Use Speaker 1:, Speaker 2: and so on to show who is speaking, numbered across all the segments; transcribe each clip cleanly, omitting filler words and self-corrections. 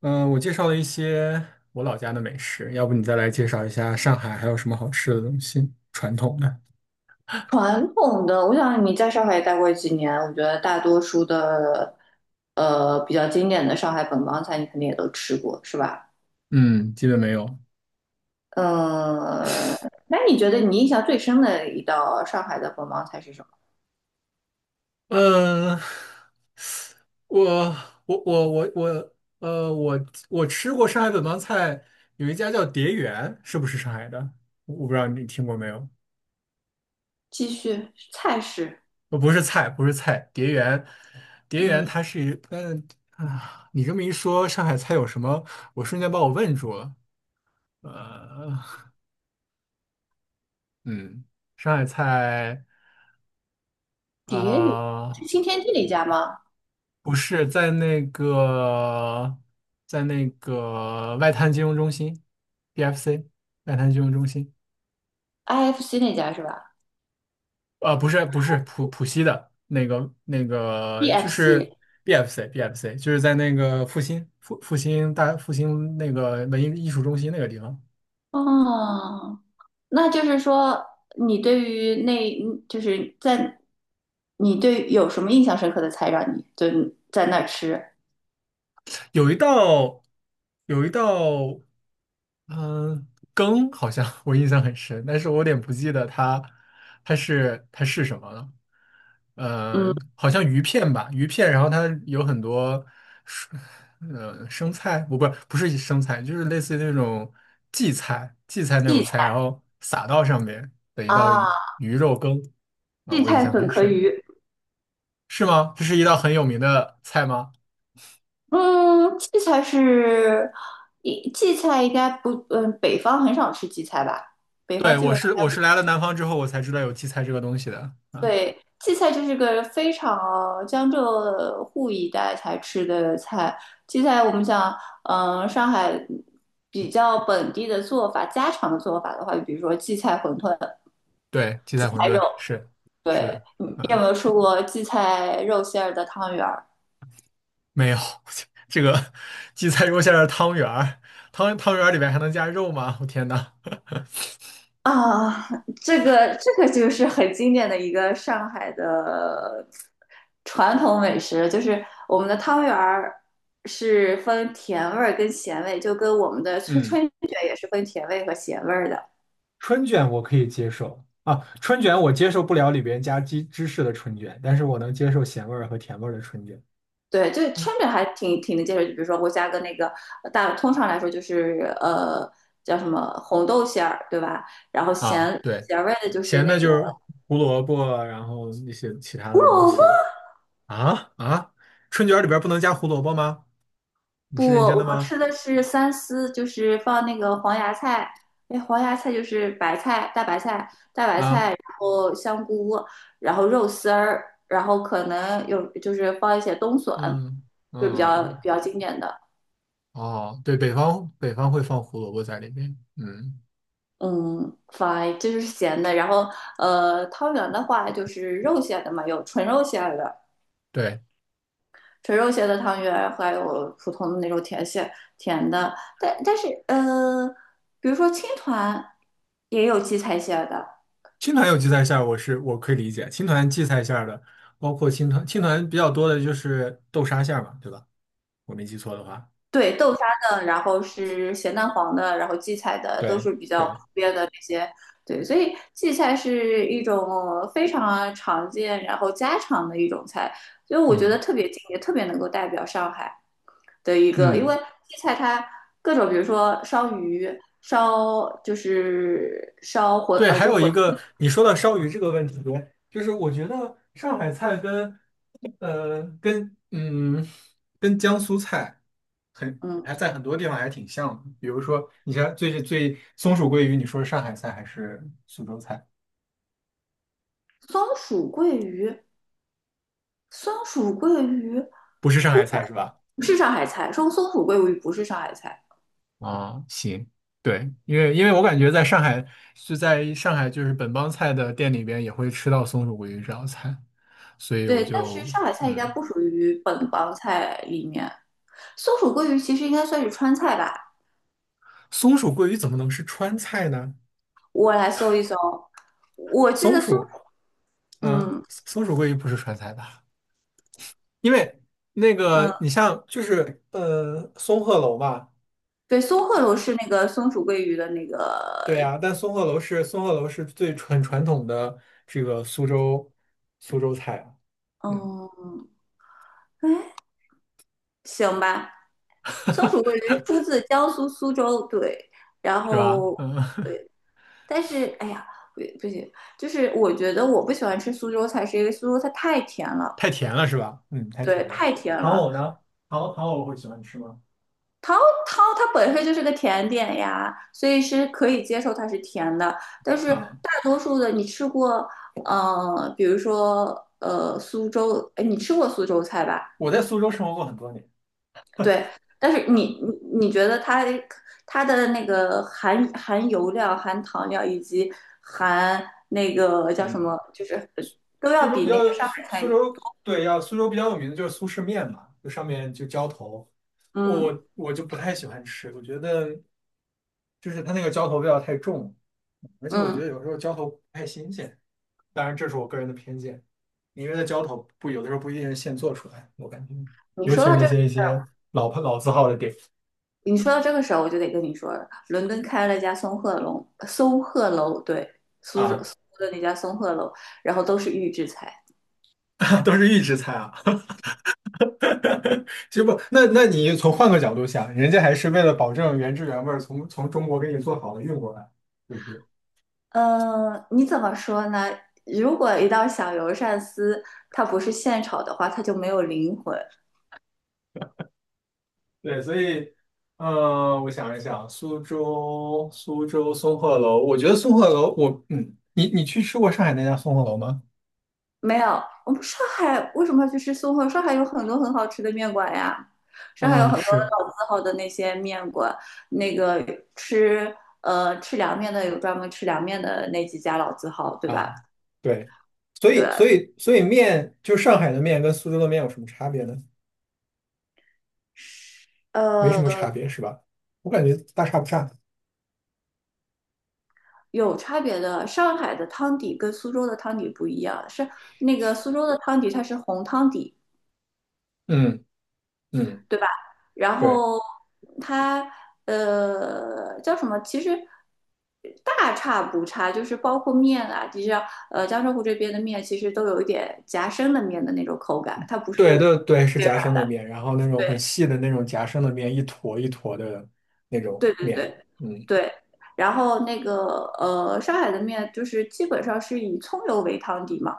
Speaker 1: 嗯，我介绍了一些我老家的美食，要不你再来介绍一下上海还有什么好吃的东西，传统的？
Speaker 2: 传统的，我想你在上海也待过几年，我觉得大多数的，比较经典的上海本帮菜，你肯定也都吃过，是吧？
Speaker 1: 嗯，基本没有。
Speaker 2: 嗯，那你觉得你印象最深的一道上海的本帮菜是什么？
Speaker 1: 嗯，我我吃过上海本帮菜，有一家叫蝶园，是不是上海的？我不知道你听过没有？
Speaker 2: 继续，菜式，
Speaker 1: 呃，不是菜，不是菜，蝶园，蝶园
Speaker 2: 嗯，
Speaker 1: 它是一啊，你这么一说，上海菜有什么？我瞬间把我问住了。呃，嗯，上海菜啊、
Speaker 2: 蝶鱼是
Speaker 1: 呃
Speaker 2: 新天地那家吗
Speaker 1: 不是在那个外滩金融中心，BFC 外滩金融中心，
Speaker 2: ？IFC 那家是吧？
Speaker 1: 呃，不是浦西的那个
Speaker 2: b f
Speaker 1: 就是
Speaker 2: c
Speaker 1: BFC BFC 就是在那个复兴复复兴大复兴那个文艺艺术中心那个地方，
Speaker 2: 哦，那就是说，你对于那，就是在，你对有什么印象深刻的菜让你就在那儿吃。
Speaker 1: 有一道有一道。嗯，羹好像 我印象很深，但是我有点不记得它是什么了。嗯，好像鱼片吧，鱼片，然后它有很多蔬，呃，生菜，不不不是生菜，就是类似于那种荠菜那种
Speaker 2: 荠菜
Speaker 1: 菜，然后撒到上面的一道
Speaker 2: 啊，
Speaker 1: 鱼肉羹啊，
Speaker 2: 荠
Speaker 1: 我印
Speaker 2: 菜
Speaker 1: 象
Speaker 2: 粉
Speaker 1: 很
Speaker 2: 壳
Speaker 1: 深，
Speaker 2: 鱼，
Speaker 1: 是吗？这是一道很有名的菜吗？
Speaker 2: 嗯，荠菜是，一荠菜应该不，北方很少吃荠菜吧？北
Speaker 1: 对，
Speaker 2: 方基本。
Speaker 1: 我是来了南方之后我才知道有荠菜这个东西的。啊。
Speaker 2: 对，荠菜这是个非常江浙沪一带才吃的菜。荠菜我们讲，上海比较本地的做法、家常的做法的话，比如说荠菜馄饨。
Speaker 1: 对，荠菜馄饨是是
Speaker 2: 对，
Speaker 1: 的，
Speaker 2: 你有
Speaker 1: 啊、
Speaker 2: 没有吃过荠菜肉馅儿的汤圆儿？
Speaker 1: 没有 这个荠菜肉馅的汤圆儿，汤圆儿里面还能加肉吗？我天呐，
Speaker 2: 啊，这个就是很经典的一个上海的传统美食，就是我们的汤圆儿是分甜味儿跟咸味，就跟我们的春
Speaker 1: 嗯，
Speaker 2: 春卷也是分甜味和咸味儿的。
Speaker 1: 春卷我可以接受啊，春卷我接受不了里边加鸡芝士的春卷，但是我能接受咸味儿和甜味儿的春卷。
Speaker 2: 对，就
Speaker 1: 嗯
Speaker 2: 春卷还挺能接受，就比如说我加个那个大，通常来说就是叫什么红豆馅儿，对吧？然后
Speaker 1: 啊，
Speaker 2: 咸
Speaker 1: 对，
Speaker 2: 咸味儿的就是
Speaker 1: 咸的
Speaker 2: 那个
Speaker 1: 就是胡萝卜啊，然后一些其他
Speaker 2: 胡
Speaker 1: 的东
Speaker 2: 萝卜，
Speaker 1: 西啊啊，春卷儿里边儿不能加胡萝卜吗？你是
Speaker 2: 不，
Speaker 1: 认真
Speaker 2: 我
Speaker 1: 的
Speaker 2: 们
Speaker 1: 吗？
Speaker 2: 吃的是三丝，就是放那个黄芽菜，哎，黄芽菜就是白菜、大白菜，
Speaker 1: 啊，
Speaker 2: 然后香菇，然后肉丝儿，然后可能有就是放一些冬笋，
Speaker 1: 嗯
Speaker 2: 就比较
Speaker 1: 嗯。
Speaker 2: 比较经典的。
Speaker 1: 哦，对，北方会放胡萝卜在里面。嗯，
Speaker 2: 嗯，fine，这就是咸的。然后汤圆的话就是肉馅的嘛，有纯肉馅儿的，
Speaker 1: 对，
Speaker 2: 纯肉馅的汤圆，还有普通的那种甜馅甜的，但是比如说青团也有荠菜馅的，
Speaker 1: 青团有荠菜馅儿，我可以理解。青团荠菜馅儿的，包括青团比较多的就是豆沙馅儿嘛，对吧？我没记错的话。
Speaker 2: 对，豆沙的，然后是咸蛋黄的，然后荠菜的都
Speaker 1: 对
Speaker 2: 是比较普
Speaker 1: 对，
Speaker 2: 遍的这些，对，所以荠菜是一种非常常见，然后家常的一种菜，所以我觉得
Speaker 1: 嗯
Speaker 2: 特别近，也特别能够代表上海的一个，因为
Speaker 1: 嗯，
Speaker 2: 荠菜它各种，比如说烧鱼。烧就是烧馄
Speaker 1: 对，还
Speaker 2: 就
Speaker 1: 有
Speaker 2: 馄
Speaker 1: 一个你说到烧鱼这个问题，就是我觉得上海菜跟呃跟嗯江苏菜。很
Speaker 2: 嗯，
Speaker 1: 还在很多地方还挺像的。比如说，你像最松鼠桂鱼，你说是上海菜还是苏州菜？
Speaker 2: 松鼠桂鱼，松鼠桂鱼
Speaker 1: 不是上
Speaker 2: 不
Speaker 1: 海菜是吧？
Speaker 2: 不是上海菜，说松鼠桂鱼不是上海菜。
Speaker 1: 啊，行，对，因为我感觉在上海在上海就是本帮菜的店里边也会吃到松鼠桂鱼这道菜，所以我
Speaker 2: 对，但是
Speaker 1: 就
Speaker 2: 上海菜应该
Speaker 1: 嗯，
Speaker 2: 不属于本帮菜里面。松鼠桂鱼其实应该算是川菜吧？
Speaker 1: 松鼠桂鱼怎么能是川菜呢？
Speaker 2: 我来搜一搜，我记
Speaker 1: 松
Speaker 2: 得松，
Speaker 1: 鼠，嗯，
Speaker 2: 嗯
Speaker 1: 松鼠桂鱼不是川菜吧？因为那
Speaker 2: 嗯，
Speaker 1: 个你像就是呃松鹤楼吧。
Speaker 2: 对，松鹤楼是那个松鼠桂鱼的那
Speaker 1: 对
Speaker 2: 个，
Speaker 1: 呀，但松鹤楼是最很传统的这个苏州菜啊，嗯
Speaker 2: 嗯。哎，行吧，松鼠桂鱼 出自江苏苏州，对，然
Speaker 1: 是吧？
Speaker 2: 后。
Speaker 1: 嗯，
Speaker 2: 对。但是哎呀，不行，就是我觉得我不喜欢吃苏州菜，是因为苏州菜太甜 了，
Speaker 1: 太甜了是吧？嗯，太
Speaker 2: 对，
Speaker 1: 甜了。
Speaker 2: 太甜
Speaker 1: 糖
Speaker 2: 了。
Speaker 1: 藕呢？糖藕会喜欢吃吗？
Speaker 2: 桃桃它本身就是个甜点呀，所以是可以接受它是甜的。但是
Speaker 1: 啊，
Speaker 2: 大多数的你吃过，比如说苏州，哎，你吃过苏州菜吧？
Speaker 1: 我在苏州生活过很多年
Speaker 2: 对，但是
Speaker 1: 啊，
Speaker 2: 你觉得它的那个含油量、含糖量以及含那个叫什
Speaker 1: 嗯，
Speaker 2: 么，就是都
Speaker 1: 苏
Speaker 2: 要
Speaker 1: 州
Speaker 2: 比
Speaker 1: 比较
Speaker 2: 那个上海
Speaker 1: 苏
Speaker 2: 菜
Speaker 1: 州苏州比较有名的就是苏式面嘛，就上面就浇头，
Speaker 2: 嗯
Speaker 1: 我就不太喜欢吃，我觉得就是它那个浇头味道太重了而且我觉
Speaker 2: 嗯。
Speaker 1: 得有时候浇头不太新鲜，当然这是我个人的偏见，因为的浇头不有的时候不一定是现做出来，我感觉，
Speaker 2: 你
Speaker 1: 尤其
Speaker 2: 说
Speaker 1: 是
Speaker 2: 到
Speaker 1: 那
Speaker 2: 这个
Speaker 1: 些一些老牌老字号的店
Speaker 2: 你说到这个时候，我就得跟你说了，伦敦开了一家松鹤楼，松鹤楼，对，苏州
Speaker 1: 啊，
Speaker 2: 苏州的那家松鹤楼，然后都是预制菜。
Speaker 1: 都是预制菜啊。其实不，那你从换个角度想，人家还是为了保证原汁原味儿从中国给你做好了运过来，对不对？
Speaker 2: 你怎么说呢？如果一道小油鳝丝它不是现炒的话，它就没有灵魂。
Speaker 1: 对，所以，呃，我想一想，苏州松鹤楼，我觉得松鹤楼，我嗯，你去吃过上海那家松鹤楼吗？
Speaker 2: 没有，我们上海为什么要去吃松鹤？上海有很多很好吃的面馆呀，上海有
Speaker 1: 嗯，
Speaker 2: 很多
Speaker 1: 是。
Speaker 2: 老字号的那些面馆，那个吃吃凉面的有专门吃凉面的那几家老字号，对
Speaker 1: 啊，
Speaker 2: 吧？
Speaker 1: 对，
Speaker 2: 对，
Speaker 1: 所以面，就是上海的面跟苏州的面有什么差别呢？没什么差
Speaker 2: 呃，
Speaker 1: 别是吧？我感觉大差不差。
Speaker 2: 有差别的。上海的汤底跟苏州的汤底不一样，是那个苏州的汤底它是红汤底，
Speaker 1: 嗯嗯，
Speaker 2: 对吧？然
Speaker 1: 对
Speaker 2: 后它叫什么？其实大差不差，就是包括面啊，其实江浙沪这边的面其实都有一点夹生的面的那种口感，它不是
Speaker 1: 对，是夹生的面，然后那种很
Speaker 2: 对
Speaker 1: 细的那种夹生的面，一坨一坨的那种
Speaker 2: 对对
Speaker 1: 面。
Speaker 2: 对
Speaker 1: 嗯，
Speaker 2: 对。然后那个上海的面就是基本上是以葱油为汤底嘛，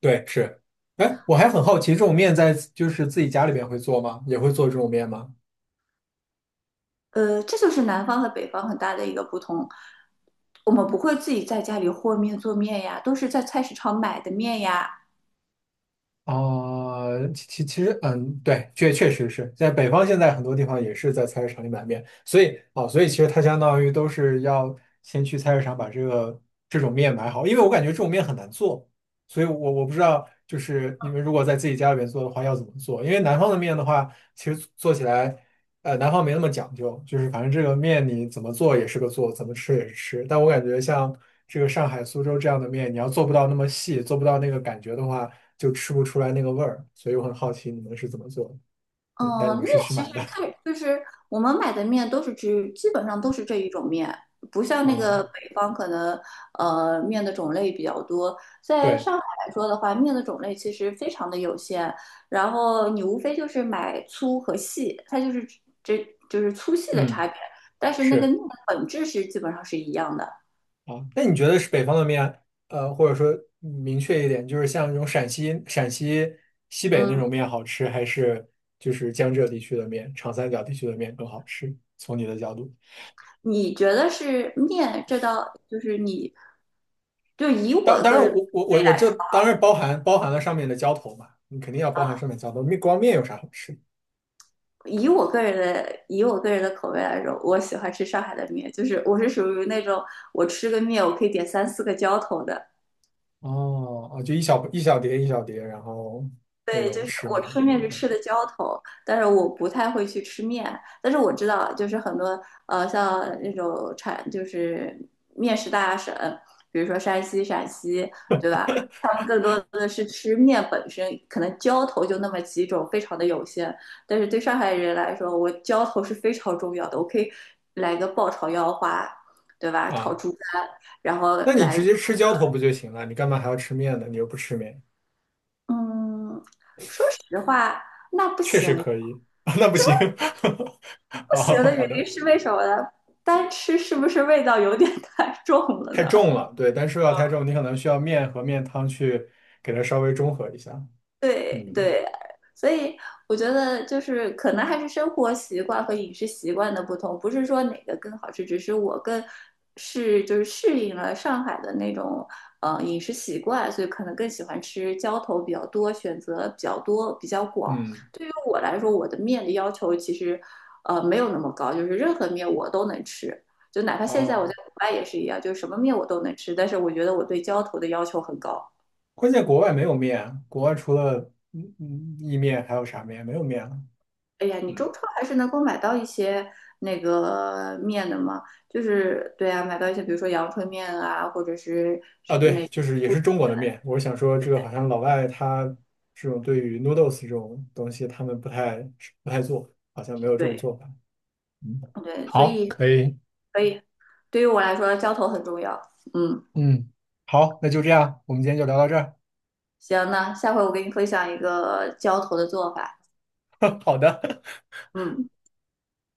Speaker 1: 对，是。哎，我还很好奇，这种面在就是自己家里边会做吗？也会做这种面吗？
Speaker 2: 这就是南方和北方很大的一个不同。我们不会自己在家里和面做面呀，都是在菜市场买的面呀。
Speaker 1: 啊、其实，嗯，对，确实是在北方，现在很多地方也是在菜市场里买面，所以啊、所以其实它相当于都是要先去菜市场把这种面买好，因为我感觉这种面很难做，所以我不知道，就是你们如果在自己家里面做的话要怎么做，因为南方的面的话，其实做起来，呃，南方没那么讲究，就是反正这个面你怎么做也是个做，怎么吃也是吃，但我感觉像这个上海、苏州这样的面，你要做不到那么细，做不到那个感觉的话。就吃不出来那个味儿，所以我很好奇你们是怎么做的。嗯，但你
Speaker 2: 嗯，
Speaker 1: 们是
Speaker 2: 面
Speaker 1: 去
Speaker 2: 其
Speaker 1: 买
Speaker 2: 实
Speaker 1: 的
Speaker 2: 看就是我们买的面都是只基本上都是这一种面，不像那个
Speaker 1: 啊？
Speaker 2: 北方可能面的种类比较多。在
Speaker 1: 对，
Speaker 2: 上海来说的话，面的种类其实非常的有限，然后你无非就是买粗和细，它就是这就是粗细的
Speaker 1: 嗯，
Speaker 2: 差别，但是那个面
Speaker 1: 是
Speaker 2: 的本质是基本上是一样的。
Speaker 1: 啊。那你觉得是北方的面，呃，或者说明确一点，就是像那种陕西西北那
Speaker 2: 嗯，
Speaker 1: 种面好吃，还是就是江浙地区的面、长三角地区的面更好吃？从你的角度，
Speaker 2: 你觉得是面这道就是你就以
Speaker 1: 当
Speaker 2: 我
Speaker 1: 当
Speaker 2: 个
Speaker 1: 然
Speaker 2: 人。
Speaker 1: 我，我这当然包含了上面的浇头嘛，你肯定要包含上面浇头，面光面有啥好吃？
Speaker 2: 以我个人的口味来说，我喜欢吃上海的面，就是我是属于那种我吃个面我可以点三四个浇头的，
Speaker 1: 哦哦，就一小碟一小碟，然后那
Speaker 2: 对，
Speaker 1: 种
Speaker 2: 就是
Speaker 1: 吃
Speaker 2: 我
Speaker 1: 吗？
Speaker 2: 吃面是
Speaker 1: 嗯
Speaker 2: 吃的浇头，但是我不太会去吃面。但是我知道，就是很多像那种产就是面食大省，比如说山西、陕西，对吧？他们更多的是吃面本身，可能浇头就那么几种，非常的有限。但是对上海人来说，我浇头是非常重要的，我可以来个爆炒腰花，对吧？炒
Speaker 1: 啊，
Speaker 2: 猪肝，然后
Speaker 1: 那你
Speaker 2: 来
Speaker 1: 直
Speaker 2: 个
Speaker 1: 接吃浇头不就行了？你干嘛还要吃面呢？你又不吃面，
Speaker 2: 嗯，说实话，那不
Speaker 1: 确实
Speaker 2: 行呀。
Speaker 1: 可以啊，那不行
Speaker 2: 不行
Speaker 1: 哦，
Speaker 2: 的原
Speaker 1: 好
Speaker 2: 因
Speaker 1: 的，
Speaker 2: 是为什么呢？单吃是不是味道有点太重了
Speaker 1: 太
Speaker 2: 呢？
Speaker 1: 重了，对，但是要太重，你可能需要面和面汤去给它稍微中和一下。
Speaker 2: 对
Speaker 1: 嗯
Speaker 2: 对，所以我觉得就是可能还是生活习惯和饮食习惯的不同，不是说哪个更好吃，只是我更是就是适应了上海的那种饮食习惯，所以可能更喜欢吃浇头比较多，选择比较多，比较广。
Speaker 1: 嗯，
Speaker 2: 对于我来说，我的面的要求其实没有那么高，就是任何面我都能吃，就哪怕现在我
Speaker 1: 哦，
Speaker 2: 在国外也是一样，就是什么面我都能吃，但是我觉得我对浇头的要求很高。
Speaker 1: 关键国外没有面啊，国外除了嗯嗯意面还有啥面？没有面了。
Speaker 2: 哎呀，你
Speaker 1: 嗯
Speaker 2: 中超还是能够买到一些那个面的嘛，就是对啊，买到一些比如说阳春面啊，或者是
Speaker 1: 啊，对，就是也是中国的面。我想说，这个好像老外他这种对于 noodles 这种东西，他们不太做，好像没有这种
Speaker 2: 对
Speaker 1: 做法。嗯，
Speaker 2: 对，所
Speaker 1: 好，
Speaker 2: 以
Speaker 1: 可以，
Speaker 2: 可以，对于我来说，浇头很重要。嗯，
Speaker 1: 嗯，好，那就这样，我们今天就聊到这儿。
Speaker 2: 行，那下回我给你分享一个浇头的做法。
Speaker 1: 好的，
Speaker 2: 嗯。